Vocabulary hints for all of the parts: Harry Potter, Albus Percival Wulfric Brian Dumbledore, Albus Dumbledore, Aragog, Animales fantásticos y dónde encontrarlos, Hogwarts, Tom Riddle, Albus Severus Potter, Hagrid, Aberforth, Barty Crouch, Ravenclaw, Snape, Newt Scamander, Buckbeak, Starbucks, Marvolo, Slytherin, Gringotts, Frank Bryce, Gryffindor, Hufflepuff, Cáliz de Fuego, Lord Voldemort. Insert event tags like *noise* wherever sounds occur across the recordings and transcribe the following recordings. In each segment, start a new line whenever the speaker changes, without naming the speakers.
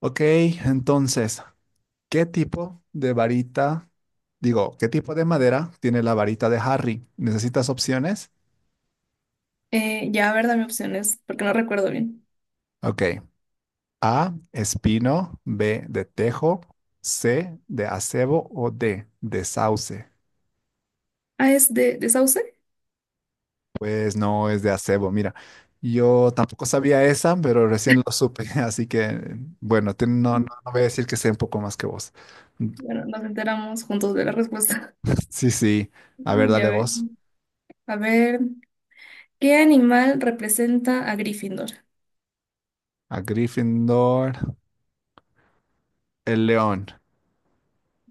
Ok, entonces, ¿qué tipo de varita, digo, qué tipo de madera tiene la varita de Harry? ¿Necesitas opciones?
Ya, a ver, dame opciones, porque no recuerdo bien.
Ok, A, espino, B, de tejo, C, de acebo o D, de sauce.
Ah, ¿es de Sauce?
Pues no es de acebo, mira, yo tampoco sabía esa, pero recién lo supe, *laughs* así que, bueno, no voy a decir que sé un poco más que vos.
Bueno,
*laughs*
nos enteramos juntos de la respuesta. *laughs*
Sí, sí, a ver,
Ya
dale
ver.
vos.
A ver, ¿qué animal representa a Gryffindor?
A Gryffindor, el león.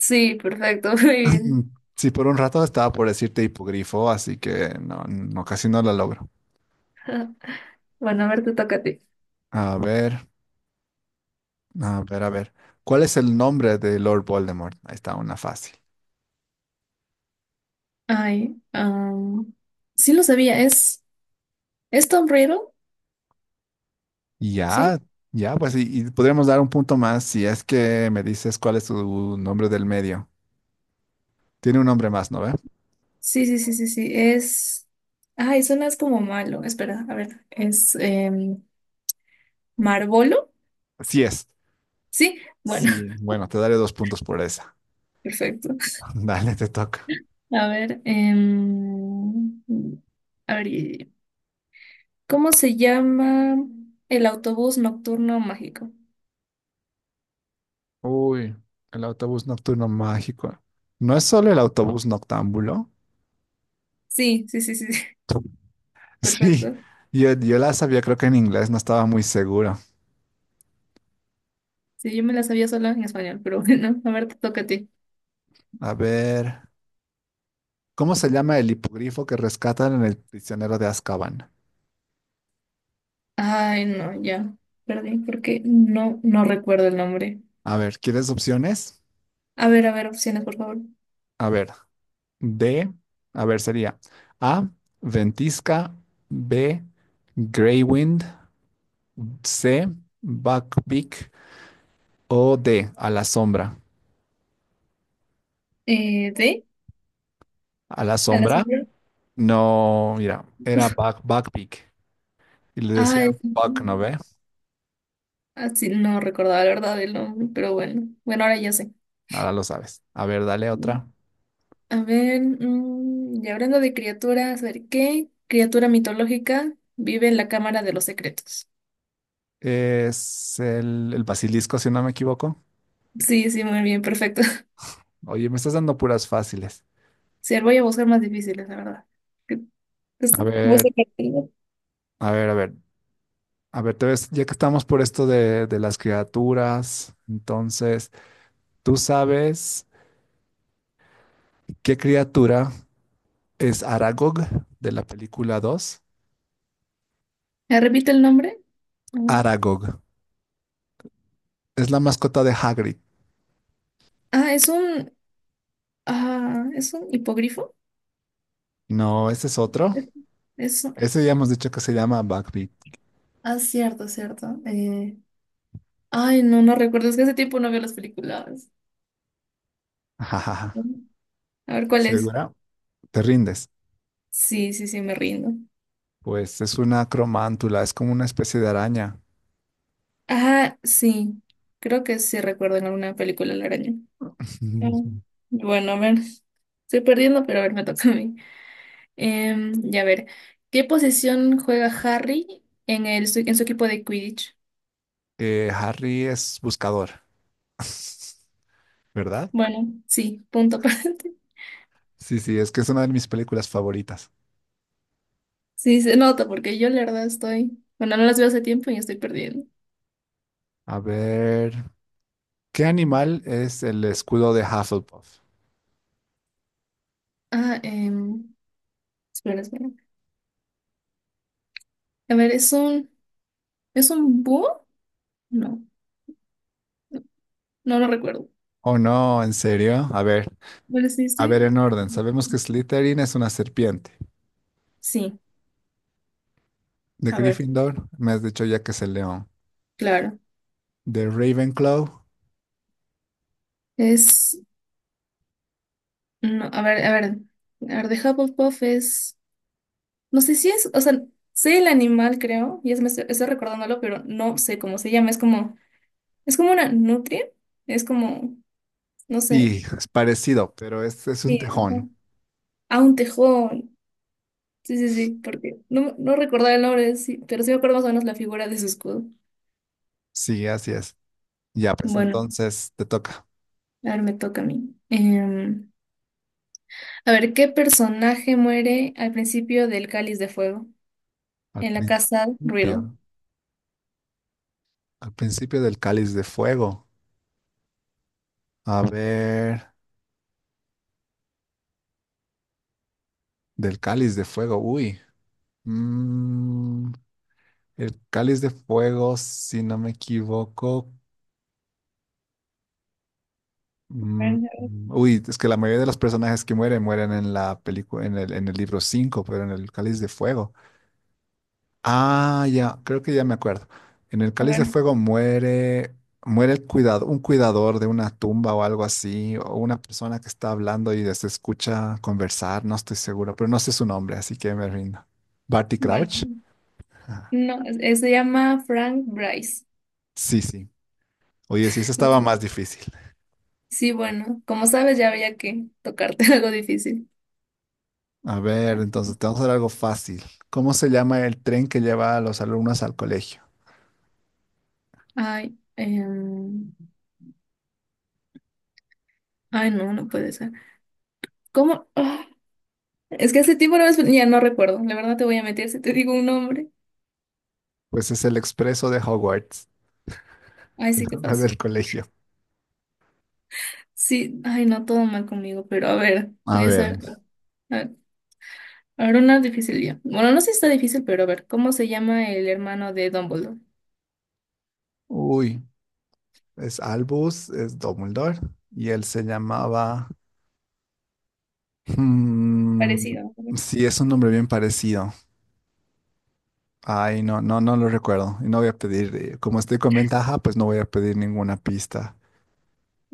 Sí, perfecto, *laughs* muy bien.
*clears throat* Sí, por un rato estaba por decirte hipogrifo, así que no, casi no la logro.
*laughs* Bueno, a ver, te toca a ti.
A ver, a ver. ¿Cuál es el nombre de Lord Voldemort? Ahí está una fácil.
Ay, am, sí lo sabía, es Tom Riddle, ¿sí?
Ya, ya, pues, y podríamos dar un punto más si es que me dices cuál es su nombre del medio. Tiene un nombre más, ¿no ve?
Sí, sí, sí, sí, sí, es... Ay, suena es como malo, espera, a ver, Marvolo,
Sí es.
¿sí? Bueno,
Sí, bueno, te daré dos puntos por esa.
*laughs* perfecto.
*laughs* Dale, te toca.
A ver, em, a ver, ¿cómo se llama el autobús nocturno mágico?
Uy, el autobús nocturno mágico. ¿No es solo el autobús noctámbulo?
Sí, sí, sí, sí, sí, *laughs*
*laughs* Sí,
perfecto.
yo la sabía, creo que en inglés no estaba muy seguro.
Sí, yo me la sabía sola en español, pero *laughs* bueno, a ver, te toca a ti.
A ver, ¿cómo se llama el hipogrifo que rescatan en el prisionero de Azkaban?
Ay, no, ya, perdí, porque no recuerdo el nombre.
A ver, ¿quieres opciones?
A ver, opciones, por favor.
A ver, D, a ver, sería A, Ventisca, B, Greywind, C, Buckbeak o D, a la sombra.
¿De?
A la
¿A la
sombra,
sombra?
no, mira, era Buckbeak y le
Ay,
decían Buck, ¿no ve?
así no recordaba la verdad el nombre, pero bueno, bueno, ahora ya sé.
Ahora lo sabes. A ver, dale otra.
Y hablando de criaturas, a ver, ¿qué criatura mitológica vive en la Cámara de los Secretos?
Es el basilisco, si no me equivoco.
Sí, sí, muy bien, perfecto. *laughs*
Oye, me estás dando puras fáciles.
Sí, voy a buscar más difíciles, la verdad. ¿Qué- qué
A
Voy a
ver,
sacar primero.
a ver. A ver, te ves, ya que estamos por esto de las criaturas, entonces, ¿tú sabes qué criatura es Aragog de la película dos?
¿Me repite el nombre? A ver.
Aragog. Es la mascota de Hagrid.
Ah, es un, ah, es un hipogrifo.
No, ese es otro.
Es, es un-
Ese ya hemos dicho que se llama Buckbeak.
ah, cierto, cierto. No, recuerdo, es que hace tiempo no veo las películas.
Ajajaja.
A ver,
*laughs*
¿cuál es?
¿Segura? ¿Te rindes?
Sí, sí, sí, me rindo.
Pues es una cromántula, es como una especie de araña.
Ah, sí, creo que sí recuerdo en alguna película la araña. Ah,
*laughs*
bueno, a ver, estoy perdiendo, pero a ver, me toca a mí. Em, ya a ver, ¿Qué posición juega Harry en en su equipo de Quidditch?
Harry es buscador, *laughs* ¿verdad?
Bueno, sí, punto *laughs* para ti.
Sí, sí, es que es una de mis películas favoritas.
Sí, se nota porque yo la verdad estoy, bueno, no las veo hace tiempo y estoy perdiendo.
A ver, ¿qué animal es el escudo de Hufflepuff?
Ah, em, espera, espera. A ver, ¿es un búho? No, no lo recuerdo.
Oh, no, ¿en serio?
Bueno, sí,
A
estoy-
ver en orden. Sabemos que Slytherin es una serpiente.
Sí,
De
a ver,
Gryffindor, me has dicho ya que es el león.
claro.
De Ravenclaw,
Es No, a ver, a ver, a ver, de Hufflepuff es, no sé si es, o sea, sé el animal, creo, y es, me estoy, estoy recordándolo, pero no sé cómo se llama, es como una nutria, es como, no sé,
sí, es parecido, pero este es un
sí, ajá.
tejón.
Ah, un tejón, sí, sí, sí, porque no, no recordaba el nombre, sí, pero sí me acuerdo más o menos la figura de su escudo.
Sí, así es. Ya, pues
Bueno,
entonces te toca.
a ver, me toca a mí. A ver, ¿qué personaje muere al principio del Cáliz de Fuego
Al
en la casa Riddle?
principio, al principio del cáliz de fuego. A ver, del cáliz de fuego, uy. Mm, el cáliz de fuego, si no me equivoco.
A
mm,
ver,
uy, es que la mayoría de los personajes que mueren mueren en la película, en el libro 5, pero en el cáliz de fuego. Ah, ya, creo que ya me acuerdo. En el
a
cáliz de
ver,
fuego muere, muere el cuidado, un cuidador de una tumba o algo así, o una persona que está hablando y se escucha conversar, no estoy seguro, pero no sé su nombre, así que me rindo. Barty
bueno.
Crouch.
No, es- se llama Frank Bryce.
Sí, sí. Oye, sí, eso estaba más
*laughs*
difícil.
Sí, bueno, como sabes, ya había que tocarte *laughs* algo difícil.
A ver, entonces, te vamos a hacer algo fácil. ¿Cómo se llama el tren que lleva a los alumnos al colegio?
Ay, em, ay, no, no puede ser. ¿Cómo? Ah, es que hace tiempo no ves- ya no recuerdo. La verdad te voy a meter si te digo un nombre.
Pues es el expreso de Hogwarts,
Ay,
*laughs* el
sí, qué
nombre
fácil.
del colegio.
Sí, ay, no, todo mal conmigo, pero a ver,
A
voy a
ver.
hacer. A a ver, una difícil ya. Bueno, no sé si está difícil, pero a ver, ¿cómo se llama el hermano de Dumbledore?
Uy, es Albus, es Dumbledore, y él se llamaba... mm,
Parecido.
sí, es un nombre bien parecido. Ay, no, lo recuerdo. Y no voy a pedir, como estoy con ventaja, pues no voy a pedir ninguna pista.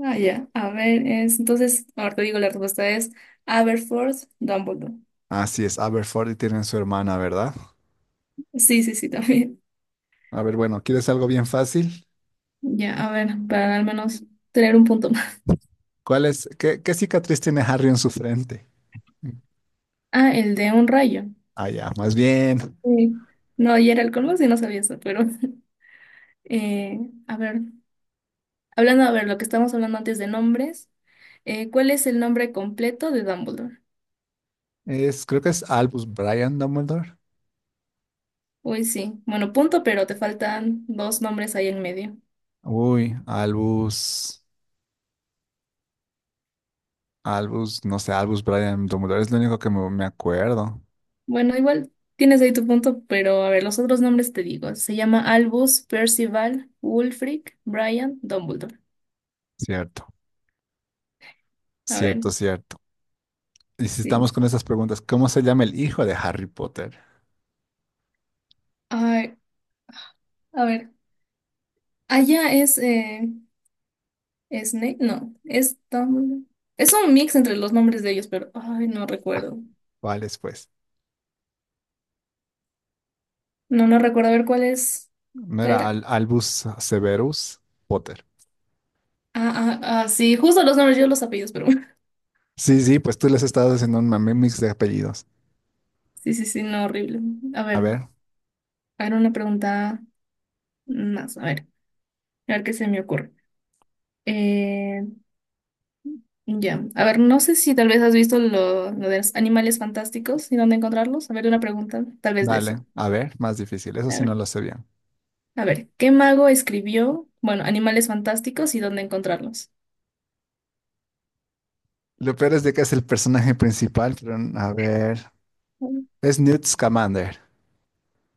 Ah, ya. A ver, es. Entonces, ahora te digo, la respuesta es Aberforth Dumbledore.
Así es, Aberforth y tienen su hermana, ¿verdad?
Sí, sí, sí, *laughs* también.
A ver, bueno, ¿quieres algo bien fácil?
Ya, a ver, para al menos tener un punto más.
¿Cuál es? ¿Qué cicatriz tiene Harry en su frente?
Ah, el de un rayo.
Ah, ya, más bien.
Sí. No, y era el colmo, sí, no sabía eso, pero. *laughs* eh, a ver, hablando, a ver, lo que estábamos hablando antes de nombres, ¿cuál es el nombre completo de Dumbledore?
Es, creo que es Albus Brian Dumbledore.
Uy, sí. Bueno, punto, pero te faltan dos nombres ahí en medio.
Uy, Albus. Albus, no sé, Albus Brian Dumbledore es lo único que me acuerdo.
Bueno, igual tienes ahí tu punto, pero a ver, los otros nombres te digo. Se llama Albus, Percival, Wulfric, Brian, Dumbledore.
Cierto,
A ver,
cierto. Y si estamos
sí.
con esas preguntas, ¿cómo se llama el hijo de Harry Potter?
Ay, a ver, allá es Snape, no, es Dumbledore. Es un mix entre los nombres de ellos, pero ay, no recuerdo.
¿Cuál es, pues?
No, no recuerdo. A ver, ¿cuál es?
¿No
¿Cuál
era
era?
Albus Severus Potter?
Ah, ah, ah, sí, justo los nombres, yo los apellidos, pero
Sí, sí, pues tú les estabas haciendo un mame mix de apellidos.
*laughs* sí, sí, sí, no, horrible. A
A
ver,
ver,
a ver, una pregunta más, a ver qué se me ocurre. Eh, Ya. A ver, no sé si tal vez has visto lo de los animales fantásticos y dónde encontrarlos. A ver, una pregunta, tal vez de eso.
vale, a ver, más difícil. Eso
A
sí
ver,
no lo sé bien.
a ver, ¿qué mago escribió, bueno, animales fantásticos y dónde encontrarlos?
Lo peor es de que es el personaje principal, pero a ver. Es Newt Scamander.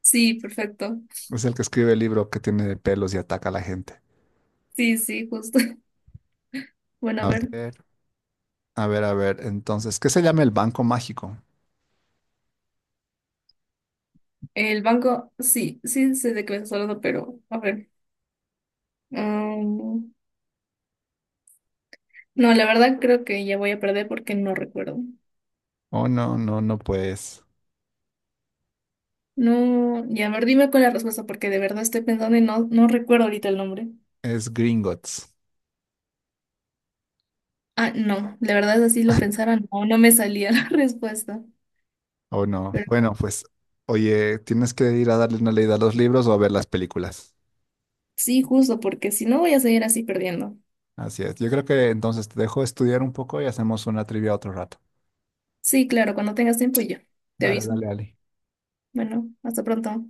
Sí, perfecto.
Es el que escribe el libro que tiene pelos y ataca a la gente.
Sí, sí, justo. *laughs* Bueno, a
A
ver,
ver, a ver. Entonces, ¿qué se llama el Banco Mágico?
el banco, sí, sí sé de qué me estás hablando, pero a ver. Mm, no, la verdad creo que ya voy a perder porque no recuerdo.
Oh, no, pues.
No, ya, a ver, dime con la respuesta porque de verdad estoy pensando y no, no recuerdo ahorita el nombre.
Es Gringotts.
Ah, no, la verdad así lo pensara, no, no me salía *laughs* la respuesta.
Oh, no.
Pero
Bueno, pues, oye, tienes que ir a darle una leída a los libros o a ver las películas.
sí, justo, porque si no voy a seguir así perdiendo.
Así es. Yo creo que entonces te dejo estudiar un poco y hacemos una trivia otro rato.
Sí, claro, cuando tengas tiempo yo te
Dale,
aviso.
dale, Ali.
Bueno, hasta pronto.